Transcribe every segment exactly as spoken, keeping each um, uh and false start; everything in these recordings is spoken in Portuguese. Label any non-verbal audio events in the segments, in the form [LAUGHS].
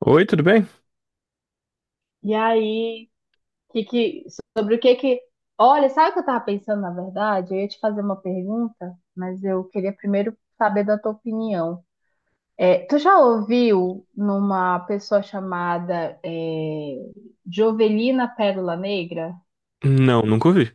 Oi, tudo bem? E aí, que que, sobre o que que. Olha, sabe o que eu tava pensando, na verdade? Eu ia te fazer uma pergunta, mas eu queria primeiro saber da tua opinião. É, tu já ouviu numa pessoa chamada é, Jovelina Pérola Negra? Não, nunca ouvi.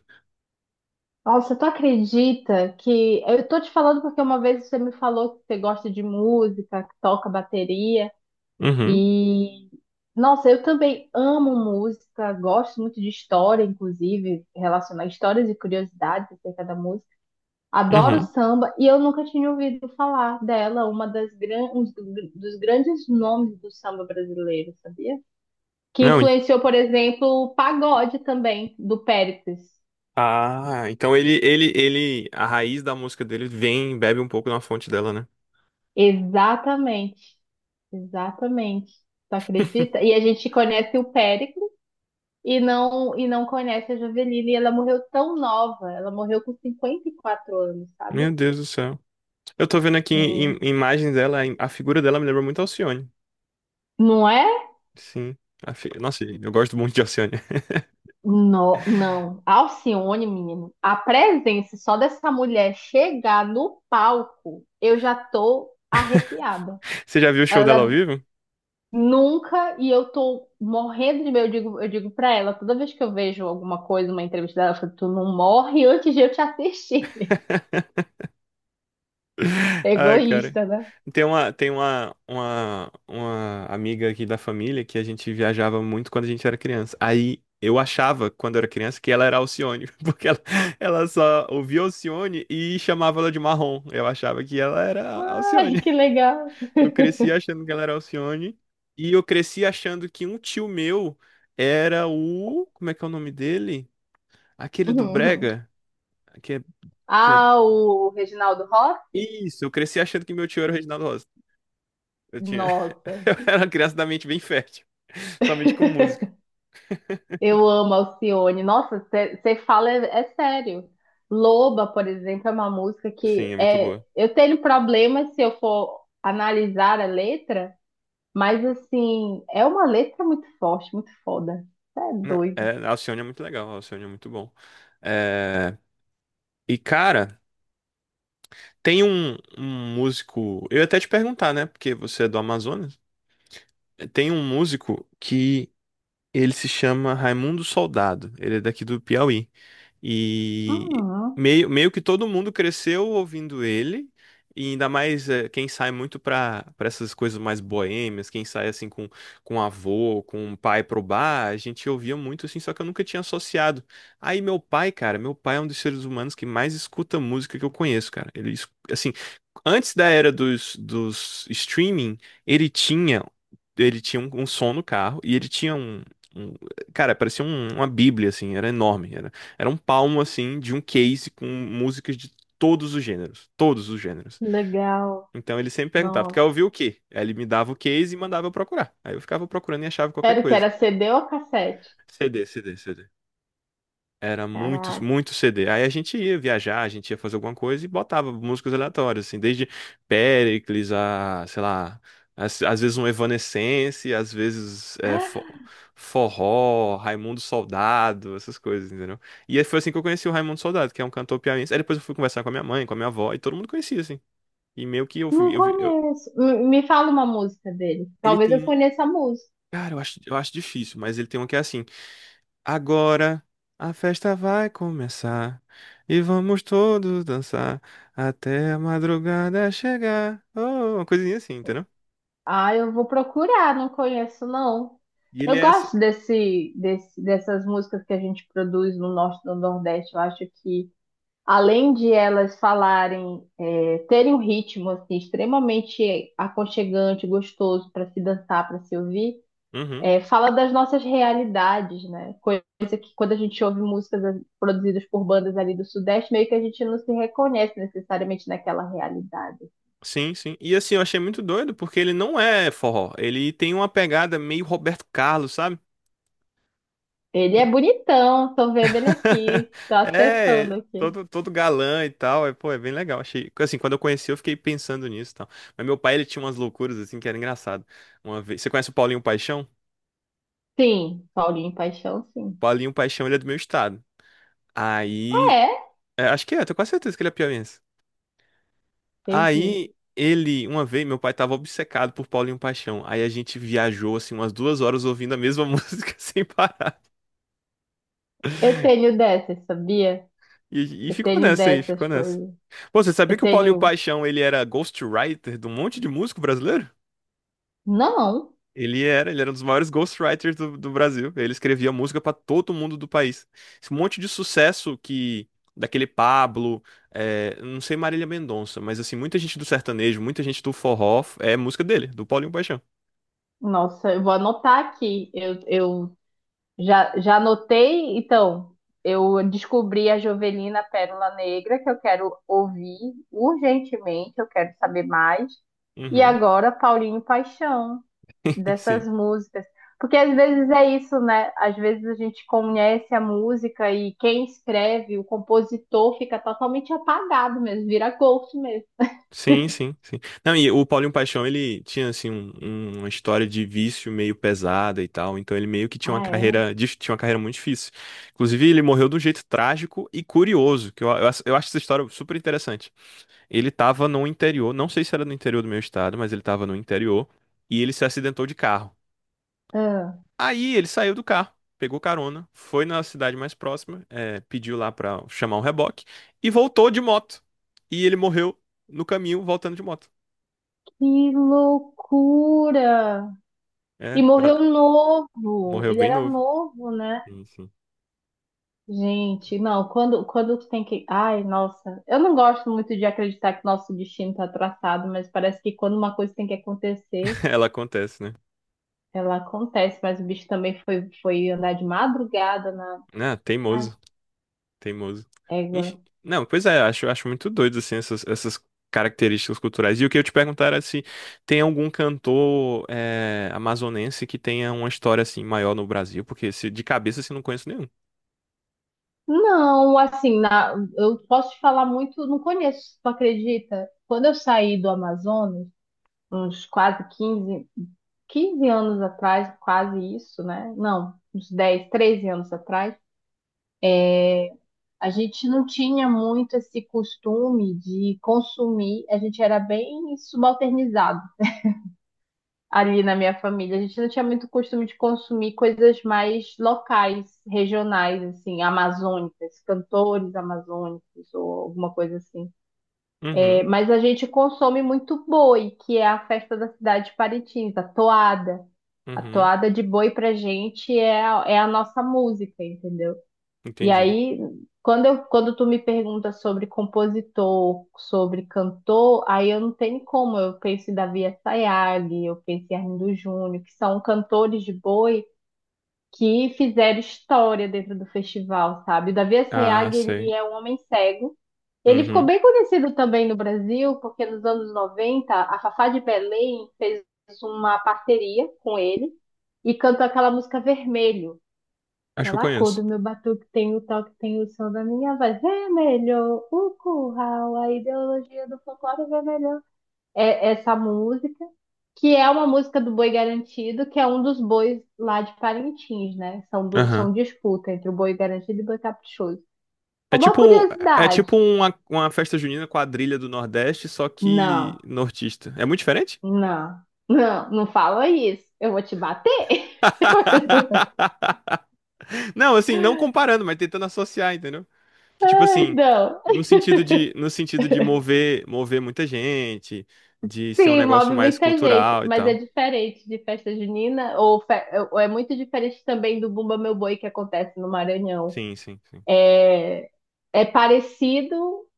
Nossa, tu acredita que. Eu tô te falando porque uma vez você me falou que você gosta de música, que toca bateria. Uhum, E, nossa, eu também amo música, gosto muito de história, inclusive, relacionar histórias e curiosidades acerca da música. Adoro uhum. samba e eu nunca tinha ouvido falar dela, uma das gran... um dos grandes nomes do samba brasileiro, sabia? Que Não, en- influenciou, por exemplo, o pagode também, do Péricles. ah, então ele, ele, ele, a raiz da música dele vem, bebe um pouco na fonte dela, né? Exatamente, exatamente. Tu acredita? [LAUGHS] E a gente conhece o Péricles e não e não conhece a Javeline. E ela morreu tão nova, ela morreu com cinquenta e quatro anos, Meu sabe? Deus do céu. Eu tô vendo aqui Sim. im- imagens dela, im- a figura dela me lembra muito a Alcione. Não é? Sim. A fi- Nossa, eu gosto muito de Alcione. No, [LAUGHS] não. Alcione, menino, a presença só dessa mulher chegar no palco, eu já tô arrepiada. Você já viu o show dela ao Ela vivo? nunca, e eu tô morrendo de medo, eu digo, eu digo pra ela, toda vez que eu vejo alguma coisa, uma entrevista dela, eu falo, tu não morre antes de eu te assistir. [LAUGHS] [LAUGHS] Ai, cara. Egoísta, né? Tem uma, tem uma, uma, uma amiga aqui da família que a gente viajava muito quando a gente era criança. Aí eu achava, quando eu era criança, que ela era Alcione, [LAUGHS] porque ela, ela só ouvia Alcione e chamava ela de Marrom. Eu achava que ela era Ai, Alcione. que [LAUGHS] legal. Eu cresci achando que ela era Alcione. E eu cresci achando que um tio meu era o. Como é que é o nome dele? Aquele do [LAUGHS] Brega, que é, que é Ah, o Reginaldo Rossi? Isso, eu cresci achando que meu tio era o Reginaldo Rossi. Eu tinha, [LAUGHS] Nossa, eu era uma criança da mente bem fértil, somente com música. [LAUGHS] eu amo Alcione. Nossa, você fala é, é sério. Loba, por exemplo, é uma música Sim, que é muito é. boa. Eu tenho problemas se eu for analisar a letra, mas assim, é uma letra muito forte, muito foda. Cê é Não, doido. é, a Alcione é muito legal, a Alcione é muito bom. É, e cara, tem um, um músico, eu ia até te perguntar, né, porque você é do Amazonas. Tem um músico que Ele se chama Raimundo Soldado. Ele é daqui do Piauí. E Ah, meio, meio que todo mundo cresceu ouvindo ele. E ainda mais eh, quem sai muito pra, pra essas coisas mais boêmias, quem sai assim com, com avô, com um pai pro bar, a gente ouvia muito assim, só que eu nunca tinha associado. Aí meu pai, cara, meu pai é um dos seres humanos que mais escuta música que eu conheço, cara. Ele, es- assim, antes da era dos, dos streaming, ele tinha ele tinha um, um som no carro e ele tinha um, um- Cara, parecia um- uma bíblia, assim, era enorme. Era, era um palmo, assim, de um case com músicas de todos os gêneros. Todos os gêneros. que legal. Então ele sempre perguntava, tu quer Nossa. ouvir o quê? Aí ele me dava o case e mandava eu procurar. Aí eu ficava procurando e achava qualquer Era o que coisa. era C D ou cassete? CD, CD, CD. Era muito, Caraca. muito CD. Aí a gente ia viajar, a gente ia fazer alguma coisa e botava músicas aleatórias, assim, desde Péricles a, sei lá, às, às vezes um Evanescence, às vezes é, fo- [GASPS] forró, Raimundo Soldado, essas coisas, entendeu? E aí foi assim que eu conheci o Raimundo Soldado, que é um cantor piauiense. Aí depois eu fui conversar com a minha mãe, com a minha avó, e todo mundo conhecia, assim. E meio que eu, Não vi- eu, vi- eu- conheço. M- Me fala uma música dele. ele Talvez tem, eu um, conheça a música. cara, eu acho, eu acho difícil, mas ele tem um que é assim. Agora a festa vai começar e vamos todos dançar até a madrugada chegar. Oh, uma coisinha assim, entendeu? Ah, eu vou procurar, não conheço não. E ele Eu é assim. gosto desse, desse, dessas músicas que a gente produz no Norte e no Nordeste. Eu acho que, além de elas falarem, é, terem um ritmo assim, extremamente aconchegante, gostoso para se dançar, para se ouvir, Uhum. é, fala das nossas realidades, né? Coisa que quando a gente ouve músicas produzidas por bandas ali do Sudeste, meio que a gente não se reconhece necessariamente naquela realidade. Sim, sim. E assim, eu achei muito doido porque ele não é forró. Ele tem uma pegada meio Roberto Carlos, sabe? Ele é E- bonitão, tô vendo ele [LAUGHS] aqui, tô acessando É, aqui. todo, todo galã e tal. É, pô, é bem legal. Achei. Assim, quando eu conheci, eu fiquei pensando nisso e tal. Mas meu pai, ele tinha umas loucuras assim que era engraçado. Uma vez. Você conhece o Paulinho Paixão? Sim, Paulinho Paixão, sim. Paulinho Paixão, ele é do meu estado. Ah, Aí, é? é, acho que é, eu tenho quase certeza que ele é piauiense. Entendi. Aí, ele, uma vez, meu pai tava obcecado por Paulinho Paixão. Aí a gente viajou, assim, umas duas horas ouvindo a mesma [LAUGHS] música sem parar. Eu tenho dessas, sabia? E, e Eu ficou tenho nessa aí, ficou dessas nessa. coisas. Pô, você sabia Eu que o Paulinho tenho. Paixão, ele era ghostwriter de um monte de músico brasileiro? Não! Ele era, ele era um dos maiores ghostwriters do, do Brasil. Ele escrevia música pra todo mundo do país. Esse monte de sucesso que daquele Pablo, é, não sei Marília Mendonça, mas assim, muita gente do sertanejo, muita gente do forró é música dele, do Paulinho Paixão. Nossa, eu vou anotar aqui. Eu, eu já, já anotei, então. Eu descobri a Jovelina Pérola Negra, que eu quero ouvir urgentemente, eu quero saber mais. E Uhum. agora, Paulinho Paixão. [LAUGHS] Dessas Sim. músicas. Porque às vezes é isso, né? Às vezes a gente conhece a música e quem escreve, o compositor, fica totalmente apagado mesmo, vira ghost mesmo. Sim, sim, sim. Não, e o Paulinho Paixão, ele tinha assim um- um- uma história de vício meio pesada e tal, então ele meio que tinha uma Ah, é? carreira, dif- tinha uma carreira muito difícil. Inclusive, ele morreu de um jeito trágico e curioso, que eu, eu, acho- eu acho essa história super interessante. Ele estava no interior, não sei se era no interior do meu estado, mas ele estava no interior e ele se acidentou de carro. Ah, Aí ele saiu do carro, pegou carona, foi na cidade mais próxima, eh, pediu lá pra chamar um reboque e voltou de moto. E ele morreu no caminho voltando de moto. que loucura! É, E morreu é, novo. morreu Ele bem era novo. novo, né? Sim, sim. Gente, não, quando, quando tem que. Ai, nossa, eu não gosto muito de acreditar que nosso destino está traçado, mas parece que quando uma coisa tem que acontecer, [LAUGHS] Ela acontece, né? ela acontece, mas o bicho também foi, foi andar de madrugada na. Ah, Ai, teimoso. Teimoso. Enf- égua. Não, pois é, eu acho, eu acho muito doido, assim, essas, essas características culturais. E o que eu te perguntar era se tem algum cantor eh, amazonense que tenha uma história, assim, maior no Brasil, porque se, de cabeça, assim, não conheço nenhum. Não, assim, na, eu posso te falar muito, não conheço, tu acredita? Quando eu saí do Amazonas, uns quase quinze quinze anos atrás, quase isso, né? Não, uns dez treze anos atrás, a gente não tinha muito esse costume de consumir, a gente era bem subalternizado ali na minha família. A gente não tinha muito costume de consumir coisas mais locais, regionais, assim, amazônicas, cantores amazônicos ou alguma coisa assim. É, Uhum, mas a gente consome muito boi, que é a festa da cidade de Parintins, a toada. A uhum, toada de boi pra gente é a, é a nossa música, entendeu? E entendi. aí, quando eu, quando tu me pergunta sobre compositor, sobre cantor, aí eu não tenho como. Eu penso em Davi Assayag, eu penso em Arlindo Júnior, que são cantores de boi que fizeram história dentro do festival, sabe? O Davi Ah, Assayag, ele sei. é um homem cego. Ele ficou Uhum, bem conhecido também no Brasil, porque nos anos noventa a Fafá de Belém fez uma parceria com ele e cantou aquela música Vermelho. acho que eu Aquela cor conheço. do meu batuque tem o toque, tem o som da minha voz. Vermelho, o curral, a ideologia do folclore vermelho. É essa música, que é uma música do Boi Garantido, que é um dos bois lá de Parintins, né? São, do, são Aham. disputa entre o Boi Garantido e o Boi Caprichoso. É Uma tipo, é curiosidade. tipo uma, uma festa junina quadrilha do Nordeste, só que Não, nortista. É muito diferente? não, não, não fala isso. Eu vou te bater. [LAUGHS] Não, assim, não comparando, mas tentando associar, entendeu? Que, tipo [LAUGHS] assim, Não. no sentido de, no sentido de mover, mover muita gente, de ser um Sim, negócio move mais muita gente, cultural e mas é tal. diferente de festa junina, ou, fe- ou é muito diferente também do Bumba Meu Boi que acontece no Maranhão. Sim, sim, sim. É, é parecido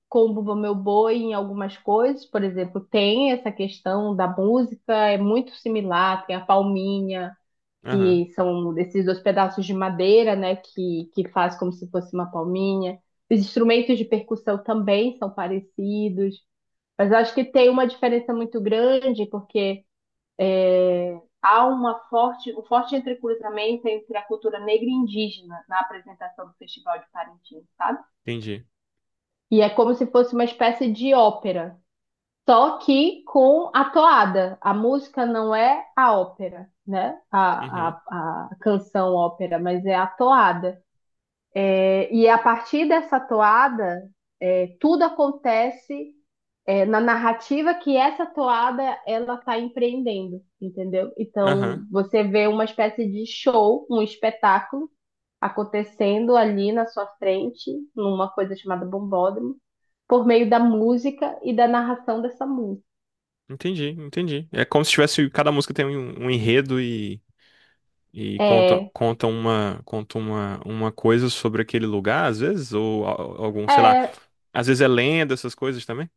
com o Bumba Meu Boi em algumas coisas, por exemplo, tem essa questão da música, é muito similar, tem a palminha, Aham, que são esses dois pedaços de madeira, né, que, que faz como se fosse uma palminha. Os instrumentos de percussão também são parecidos, mas eu acho que tem uma diferença muito grande, porque há uma forte, um forte entrecruzamento entre a cultura negra e indígena na apresentação do Festival de Parintins, sabe? entendi. E é como se fosse uma espécie de ópera, só que com a toada. A música não é a ópera, né? A, a, Uhum, a canção ópera, mas é a toada. É, e a partir dessa toada, é, tudo acontece é, na narrativa que essa toada ela está empreendendo, entendeu? Então aham, você vê uma espécie de show, um espetáculo acontecendo ali na sua frente, numa coisa chamada bombódromo, por meio da música e da narração dessa música. entendi, entendi. É como se tivesse, cada música tem um, um enredo e, e conta, É, conta uma, conta uma, uma coisa sobre aquele lugar, às vezes, ou a- algum, sei lá, é, às vezes é lenda, essas coisas também.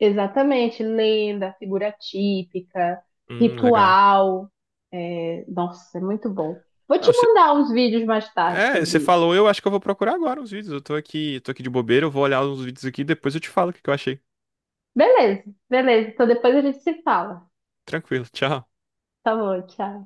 Exatamente, lenda, figura típica, Hum, legal. ritual. É, nossa, é muito bom. Vou Não, te mandar uns vídeos mais tarde é, sobre você isso. falou, eu acho que eu vou procurar agora os vídeos. Eu tô aqui, tô aqui de bobeira, eu vou olhar os vídeos aqui e depois eu te falo o que que eu achei. Beleza, beleza. Então depois a gente se fala. Tranquilo, tchau. Tá bom, tchau.